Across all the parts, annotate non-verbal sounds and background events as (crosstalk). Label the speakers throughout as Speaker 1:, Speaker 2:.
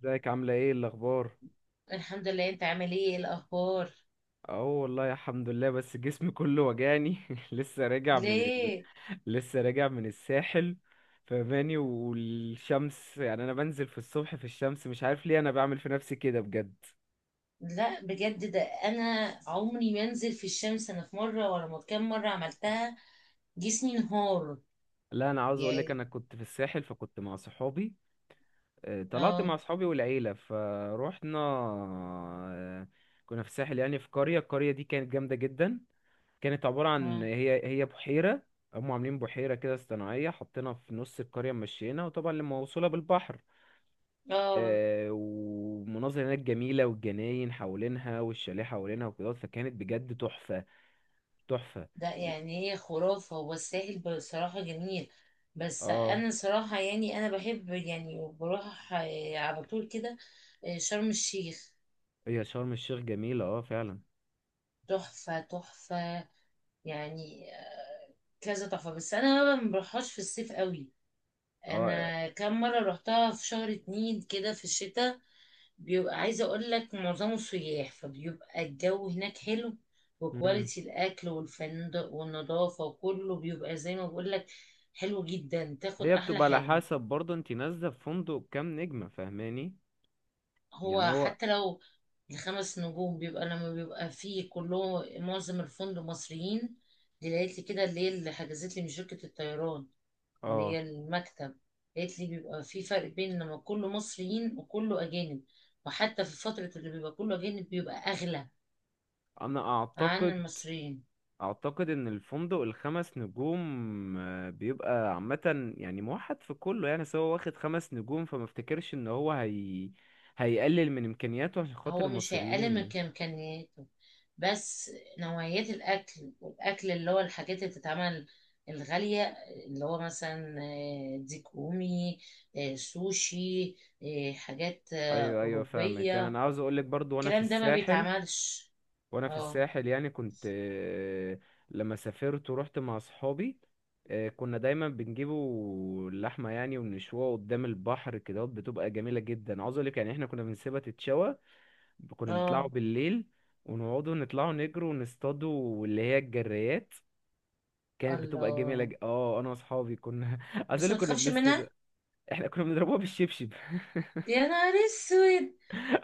Speaker 1: ازيك؟ عاملة ايه؟ الأخبار؟
Speaker 2: الحمد لله، انت عامل ايه؟ ايه الاخبار؟
Speaker 1: اه والله الحمد لله، بس جسمي كله وجعني. (laughs) لسه راجع من ال...
Speaker 2: ليه؟
Speaker 1: لسه راجع من الساحل، فماني والشمس. يعني أنا بنزل في الصبح في الشمس، مش عارف ليه أنا بعمل في نفسي كده بجد.
Speaker 2: لا بجد، ده انا عمري ما انزل في الشمس. انا في مره ولا ما كام مره عملتها، جسمي انهار.
Speaker 1: لا، أنا عاوز أقولك
Speaker 2: يعني.
Speaker 1: أنا كنت في الساحل، فكنت مع صحابي. طلعت
Speaker 2: اه.
Speaker 1: مع صحابي والعيلة فروحنا. كنا في الساحل، يعني في قرية. القرية دي كانت جامدة جدا. كانت عبارة عن
Speaker 2: اه.
Speaker 1: هي بحيرة. هم عاملين بحيرة كده صناعية، حطينا في نص القرية مشينا، وطبعا لما موصولة بالبحر.
Speaker 2: آه.
Speaker 1: ومناظر هناك جميلة، والجناين حوالينها والشاليه حوالينها وكده، فكانت بجد تحفة. تحفة.
Speaker 2: ده
Speaker 1: و-
Speaker 2: يعني هي خرافه، هو الساحل بصراحه جميل. بس
Speaker 1: اه،
Speaker 2: انا صراحه يعني انا بحب يعني بروح على طول كده. شرم الشيخ
Speaker 1: هي شرم الشيخ جميلة، اه فعلا.
Speaker 2: تحفه تحفه يعني. كذا تحفه، بس انا ما بروحهاش في الصيف قوي.
Speaker 1: اه.
Speaker 2: انا كام مره روحتها في شهر اتنين كده في الشتاء. بيبقى عايزه اقول لك معظمه سياح، فبيبقى الجو هناك حلو،
Speaker 1: مم.
Speaker 2: وكواليتي الاكل والفندق والنظافه وكله بيبقى زي ما بقول لك حلو جدا، تاخد
Speaker 1: هي
Speaker 2: احلى
Speaker 1: بتبقى على
Speaker 2: حاجه.
Speaker 1: حسب برضه انت نازلة في فندق كام نجمة، فاهماني؟
Speaker 2: هو
Speaker 1: يعني هو.
Speaker 2: حتى لو الخمس نجوم بيبقى لما بيبقى فيه كله، معظم الفندق مصريين. دي لقيت لي كده اللي هي اللي حجزت لي من شركه الطيران، اللي
Speaker 1: اه،
Speaker 2: هي المكتب، قالت لي بيبقى في فرق بين لما كله مصريين وكله أجانب، وحتى في فترة اللي بيبقى كله أجانب بيبقى أغلى
Speaker 1: انا
Speaker 2: عن
Speaker 1: اعتقد
Speaker 2: المصريين.
Speaker 1: اعتقد ان الفندق الخمس نجوم، بيبقى عامة يعني موحد في كله، يعني سواء واخد خمس نجوم. فما افتكرش ان هيقلل من امكانياته عشان خاطر
Speaker 2: هو مش
Speaker 1: المصريين
Speaker 2: هيقلل من
Speaker 1: يعني.
Speaker 2: إمكانياته، بس نوعيات الأكل، والأكل اللي هو الحاجات اللي بتتعمل الغالية، اللي هو مثلا ديك رومي، سوشي، حاجات
Speaker 1: ايوه، ايوه، فاهمك.
Speaker 2: أوروبية،
Speaker 1: انا عاوز اقولك برضو وانا في
Speaker 2: الكلام ده ما
Speaker 1: الساحل.
Speaker 2: بيتعملش.
Speaker 1: وانا في
Speaker 2: اه.
Speaker 1: الساحل يعني كنت لما سافرت ورحت مع اصحابي. كنا دايما بنجيبوا اللحمه يعني ونشوها قدام البحر كده، بتبقى جميله جدا. عاوز اقولك يعني احنا كنا بنسيبها تتشوى. كنا بنطلعوا
Speaker 2: اه.
Speaker 1: بالليل، ونقعدوا نطلعوا نجروا ونصطادوا اللي هي الجريات. كانت بتبقى جميلة
Speaker 2: الله!
Speaker 1: اه، انا واصحابي كنا (laughs) عايز اقول
Speaker 2: بس
Speaker 1: لك
Speaker 2: ما
Speaker 1: كنا
Speaker 2: تخافش
Speaker 1: بنصطاد.
Speaker 2: منها.
Speaker 1: احنا كنا بنضربوها بالشبشب. (laughs)
Speaker 2: يا نهار اسود!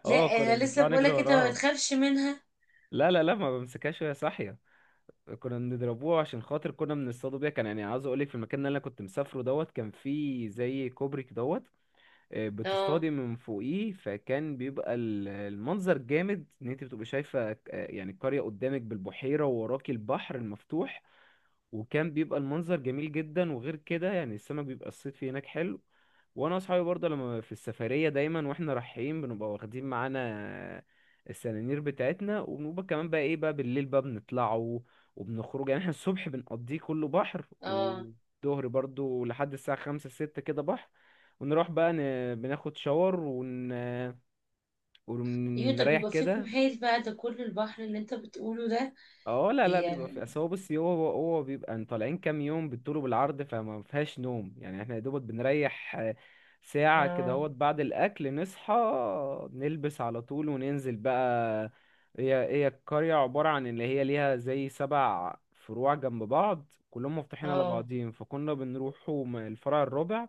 Speaker 2: لا
Speaker 1: اه، كنا
Speaker 2: انا لسه
Speaker 1: بنطلع نجري
Speaker 2: بقولك انت ما
Speaker 1: وراها.
Speaker 2: تخافش منها.
Speaker 1: لا لا لا، ما بمسكهاش وهي صاحية. كنا بنضربوها عشان خاطر كنا بنصطادوا بيها. كان يعني عاوز اقول لك في المكان اللي انا كنت مسافره دوت كان فيه زي كوبري دوت.
Speaker 2: اه.
Speaker 1: بتصطادي من فوقيه، فكان بيبقى المنظر جامد ان انت بتبقى شايفه يعني القريه قدامك بالبحيره، ووراكي البحر المفتوح. وكان بيبقى المنظر جميل جدا، وغير كده يعني السمك بيبقى الصيد فيه هناك حلو. وانا واصحابي برضه لما في السفريه دايما واحنا رايحين بنبقى واخدين معانا السنانير بتاعتنا، وبنبقى كمان بقى ايه بقى بالليل بقى بنطلعوا وبنخرج. يعني احنا الصبح بنقضيه كله بحر،
Speaker 2: اه.
Speaker 1: والظهر برضه لحد الساعه خمسة ستة كده بحر. ونروح بقى بناخد شاور
Speaker 2: ايوه، طب
Speaker 1: ونريح
Speaker 2: يبقى فيكم
Speaker 1: كده.
Speaker 2: حيل بقى، ده كل البحر اللي انت بتقوله ده.
Speaker 1: اه، لا
Speaker 2: دي
Speaker 1: لا، بيبقى في
Speaker 2: يعني.
Speaker 1: اصل. هو بصي، هو بيبقى طالعين كام يوم بالطول وبالعرض، فما فيهاش نوم. يعني احنا يا دوبك بنريح ساعة كده
Speaker 2: اه.
Speaker 1: اهوت. بعد الاكل نصحى، نلبس على طول وننزل بقى. هي القرية عبارة عن اللي هي ليها زي سبع فروع جنب بعض كلهم مفتوحين على
Speaker 2: اه.
Speaker 1: بعضهم، فكنا بنروحوا الفرع الرابع.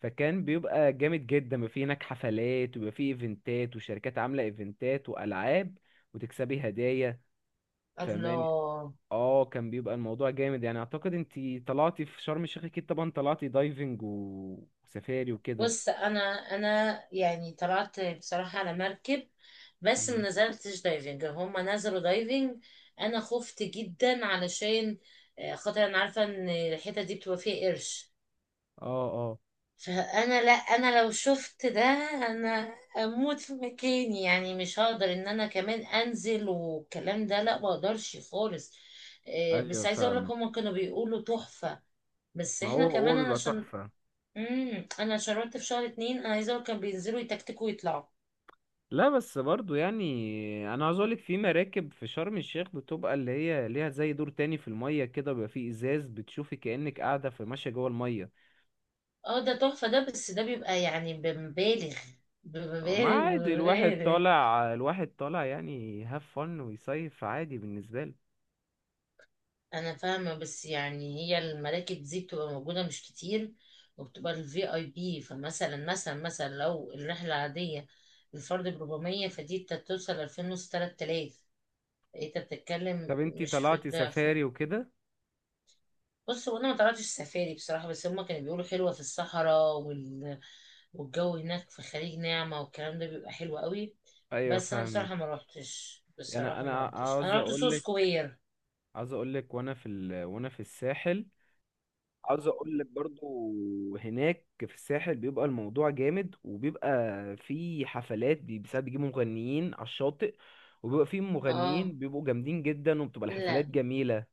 Speaker 1: فكان بيبقى جامد جدا، بيبقى فيه هناك حفلات، وبيبقى فيه ايفنتات، وشركات عاملة ايفنتات وألعاب، وتكسبي هدايا. فمان.
Speaker 2: الله!
Speaker 1: اه، كان بيبقى الموضوع جامد. يعني اعتقد انتي طلعتي في شرم الشيخ. اكيد طبعا طلعتي دايفنج وسفاري وكده.
Speaker 2: بص، انا يعني طلعت بصراحة على مركب، بس ما
Speaker 1: مم.
Speaker 2: نزلتش دايفنج، هما نزلوا دايفنج. انا خفت جدا، علشان خاطر انا عارفة ان الحتة دي بتبقى فيها قرش.
Speaker 1: اه، اه،
Speaker 2: فانا لا، انا لو شفت ده، انا اموت في مكاني، يعني مش هقدر ان انا كمان انزل والكلام ده. لا، ما اقدرش خالص. إيه،
Speaker 1: ايوه،
Speaker 2: بس عايزه اقول لك
Speaker 1: فاهمك.
Speaker 2: هما كانوا بيقولوا تحفه. بس
Speaker 1: ما هو
Speaker 2: احنا
Speaker 1: هو
Speaker 2: كمان انا
Speaker 1: بيبقى
Speaker 2: عشان
Speaker 1: تحفة.
Speaker 2: انا شربت في شهر اتنين، انا عايزه اقول كانوا بينزلوا يتكتكوا ويطلعوا.
Speaker 1: لا، بس برضو يعني انا عاوز اقولك في مراكب في شرم الشيخ بتبقى اللي هي ليها زي دور تاني في المية كده، بيبقى فيه ازاز بتشوفي كأنك قاعدة في ماشية جوه المية.
Speaker 2: اه، ده تحفه ده، بس ده بيبقى يعني بمبالغ
Speaker 1: ما
Speaker 2: بمبالغ
Speaker 1: عادي، الواحد
Speaker 2: بمبالغ.
Speaker 1: طالع. الواحد طالع يعني هاف فن ويصيف عادي بالنسبة له.
Speaker 2: انا فاهمه، بس يعني هي المراكب دي بتبقى موجوده مش كتير، وبتبقى الفي اي بي. فمثلا مثلا مثلا لو الرحله عاديه الفرد ب 400، فدي انت بتوصل 2000 ونص، 3000، انت بتتكلم
Speaker 1: طب انتي
Speaker 2: مش في
Speaker 1: طلعتي
Speaker 2: الضعف
Speaker 1: سفاري
Speaker 2: يعني.
Speaker 1: وكده؟
Speaker 2: بص، هو انا ما طلعتش سفاري بصراحه، بس هما كانوا بيقولوا حلوه في الصحراء والجو هناك في خليج نعمه والكلام ده بيبقى حلو قوي.
Speaker 1: ايوه
Speaker 2: بس انا بصراحه
Speaker 1: فاهمك.
Speaker 2: ما روحتش
Speaker 1: يعني
Speaker 2: بصراحه ما
Speaker 1: انا
Speaker 2: روحتش
Speaker 1: عاوز
Speaker 2: انا رحت
Speaker 1: اقول
Speaker 2: سو
Speaker 1: لك.
Speaker 2: سكوير.
Speaker 1: عاوز اقول لك وانا في وانا في الساحل. عاوز اقول لك برضو هناك في الساحل بيبقى الموضوع جامد، وبيبقى في حفلات بساعات بيجيبوا مغنيين على الشاطئ. وبيبقى في
Speaker 2: اه.
Speaker 1: مغنيين بيبقوا جامدين جدا، وبتبقى الحفلات
Speaker 2: لا،
Speaker 1: جميلة.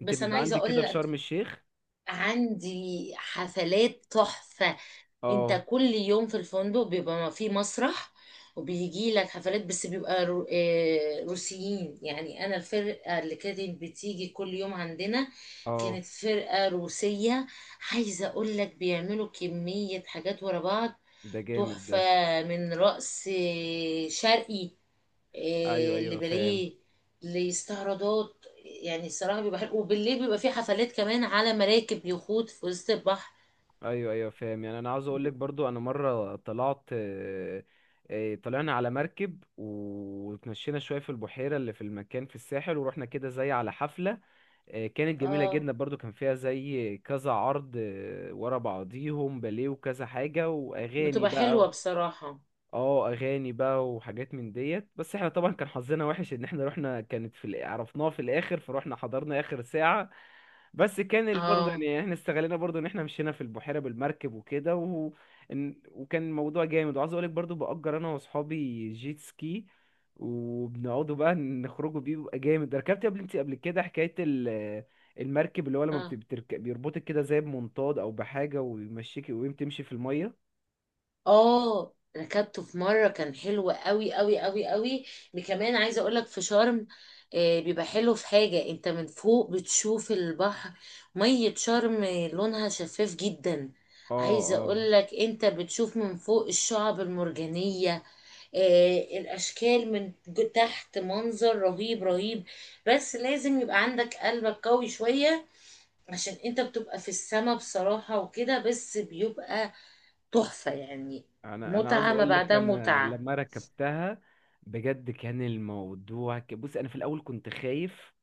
Speaker 1: انت
Speaker 2: بس انا
Speaker 1: بيبقى
Speaker 2: عايزه
Speaker 1: عندك
Speaker 2: اقول
Speaker 1: كده في شرم
Speaker 2: لك
Speaker 1: الشيخ.
Speaker 2: عندي حفلات تحفة.
Speaker 1: اه
Speaker 2: انت كل يوم في الفندق بيبقى في مسرح، وبيجي لك حفلات، بس بيبقى رو... آه، روسيين. يعني انا الفرقة اللي كانت بتيجي كل يوم عندنا
Speaker 1: اه.
Speaker 2: كانت فرقة روسية. عايزة اقول لك بيعملوا كمية حاجات ورا بعض
Speaker 1: ده جامد
Speaker 2: تحفة،
Speaker 1: ده.
Speaker 2: من رقص شرقي،
Speaker 1: ايوه،
Speaker 2: إيه،
Speaker 1: ايوه، فاهم.
Speaker 2: لباليه، لاستعراضات. يعني الصراحة بيبقى حلو، وبالليل بيبقى في حفلات كمان على مراكب يخوت في وسط البحر.
Speaker 1: ايوه، ايوه، فاهم. يعني انا عاوز اقول
Speaker 2: ب-
Speaker 1: لك برضو انا مره طلعت. طلعنا على مركب، وتمشينا شويه في البحيره اللي في المكان في الساحل، ورحنا كده زي على حفله. كانت جميله
Speaker 2: اه،
Speaker 1: جدا برضو. كان فيها زي كذا عرض ورا بعضيهم باليه وكذا حاجه واغاني
Speaker 2: بتبقى
Speaker 1: بقى
Speaker 2: حلوة بصراحة.
Speaker 1: اه، اغاني بقى وحاجات من ديت. بس احنا طبعا كان حظنا وحش، ان احنا رحنا كانت في عرفناها في الاخر، فروحنا حضرنا اخر ساعه. بس كان برضه
Speaker 2: اه.
Speaker 1: يعني احنا استغلينا برضه ان احنا مشينا في البحيره بالمركب وكده وكان الموضوع جامد. وعاوز اقول لك برضه باجر انا واصحابي جيت سكي، وبنقعدوا بقى نخرجوا بيه بيبقى جامد. ركبت قبل؟ انت قبل كده حكايه المركب، اللي هو لما
Speaker 2: اه.
Speaker 1: بتركب بيربطك كده زي بمنطاد او بحاجه، ويمشيك ويقوم تمشي في الميه.
Speaker 2: اه، ركبته في مرة، كان حلو قوي قوي قوي قوي. كمان عايزة اقولك في شرم بيبقى حلو في حاجة، انت من فوق بتشوف البحر، مية شرم لونها شفاف جدا.
Speaker 1: اه.
Speaker 2: عايزة
Speaker 1: اه،
Speaker 2: اقولك انت بتشوف من فوق الشعب المرجانية، الاشكال من تحت، منظر رهيب رهيب، بس لازم يبقى عندك قلبك قوي شوية، عشان انت بتبقى في السما بصراحة وكده، بس بيبقى تحفة يعني.
Speaker 1: انا عاوز
Speaker 2: متعة ما
Speaker 1: اقول لك
Speaker 2: بعدها
Speaker 1: انا
Speaker 2: متعة.
Speaker 1: لما ركبتها بجد كان الموضوع بص انا في الاول كنت خايف.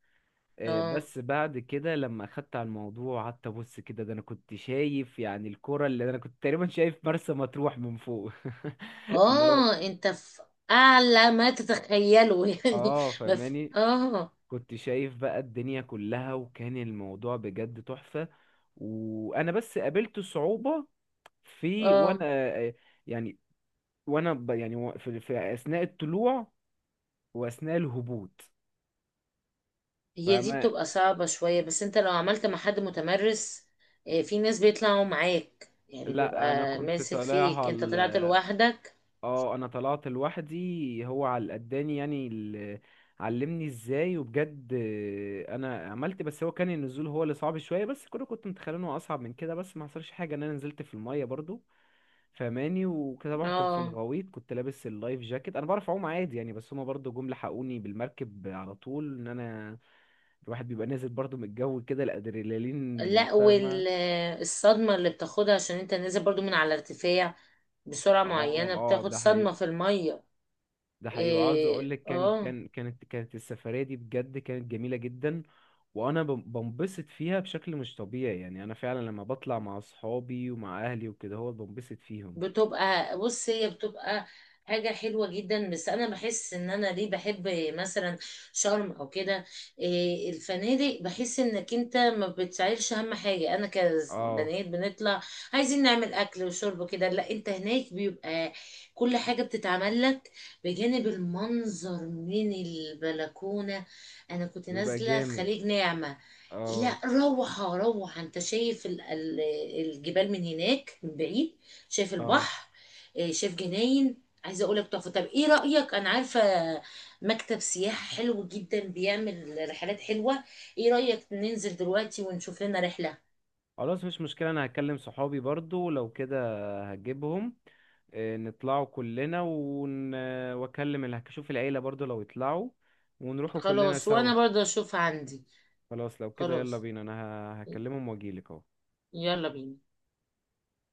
Speaker 2: اه.
Speaker 1: بس بعد كده لما اخدت على الموضوع قعدت ابص كده، ده انا كنت شايف يعني الكرة. اللي انا كنت تقريبا شايف مرسى مطروح من فوق. (laughs) اللي هو
Speaker 2: اه. انت في اعلى ما تتخيله (laughs) يعني.
Speaker 1: اه.
Speaker 2: ما في.
Speaker 1: فماني
Speaker 2: اه.
Speaker 1: كنت شايف بقى الدنيا كلها، وكان الموضوع بجد تحفة. وانا بس قابلت صعوبة في
Speaker 2: اه.
Speaker 1: وانا آه، يعني وانا يعني في اثناء الطلوع، واثناء الهبوط.
Speaker 2: هي دي
Speaker 1: فما،
Speaker 2: بتبقى صعبة شوية، بس انت لو عملت مع حد متمرس. في ناس بيطلعوا معاك، يعني
Speaker 1: لا انا
Speaker 2: بيبقى
Speaker 1: كنت
Speaker 2: ماسك فيك،
Speaker 1: طالعها.
Speaker 2: انت طلعت لوحدك.
Speaker 1: اه، انا طلعت لوحدي. هو على قداني يعني علمني ازاي. وبجد انا عملت. بس هو كان النزول هو اللي صعب شويه، بس كنت متخيل انه اصعب من كده، بس ما حصلش حاجه ان انا نزلت في الميه برضو. فماني وكده، طبعا كان في
Speaker 2: اه.
Speaker 1: الغويط، كنت لابس اللايف جاكيت. انا بعرف اعوم عادي يعني، بس هما برضو جم لحقوني بالمركب على طول. ان انا الواحد بيبقى نازل برضو من الجو كده، الادرينالين،
Speaker 2: لا،
Speaker 1: فاهمه.
Speaker 2: والصدمة اللي بتاخدها، عشان انت نازل برضو من على ارتفاع بسرعة
Speaker 1: اه
Speaker 2: معينة،
Speaker 1: اه،
Speaker 2: بتاخد
Speaker 1: ده
Speaker 2: صدمة
Speaker 1: حقيقي.
Speaker 2: في المية.
Speaker 1: ده حقيقي. وعاوز اقول
Speaker 2: إيه،
Speaker 1: لك
Speaker 2: اه.
Speaker 1: كانت السفريه دي بجد كانت جميله جدا. وانا بنبسط فيها بشكل مش طبيعي. يعني انا فعلا لما بطلع مع اصحابي ومع اهلي وكده هو بنبسط فيهم.
Speaker 2: بتبقى بص، هي بتبقى حاجة حلوة جدا، بس أنا بحس إن أنا ليه بحب مثلا شرم أو كده. إيه، الفنادق، بحس إنك أنت ما بتشعرش. أهم حاجة، أنا
Speaker 1: اه
Speaker 2: كبنات بنطلع عايزين نعمل أكل وشرب كده. لا، أنت هناك بيبقى كل حاجة بتتعمل لك، بجانب المنظر من البلكونة. أنا كنت
Speaker 1: بيبقى
Speaker 2: نازلة في
Speaker 1: جامد.
Speaker 2: خليج نعمة.
Speaker 1: اه
Speaker 2: لا، روعة روعة، أنت شايف الجبال من هناك من بعيد، شايف
Speaker 1: اه.
Speaker 2: البحر، شايف جناين. عايزه اقول لك تحفه. طب ايه رايك، انا عارفه مكتب سياحه حلو جدا بيعمل رحلات حلوه. ايه رايك ننزل دلوقتي ونشوف لنا رحله؟
Speaker 1: خلاص مش مشكله، انا هكلم صحابي برضو لو كده هجيبهم. نطلعوا كلنا واكلم اللي هشوف العيله برضو لو يطلعوا، ونروحوا كلنا
Speaker 2: خلاص،
Speaker 1: سوا.
Speaker 2: وانا برضه اشوف عندي.
Speaker 1: خلاص لو كده يلا
Speaker 2: خلاص،
Speaker 1: بينا. انا هكلمهم واجيلك اهو.
Speaker 2: يلا بينا.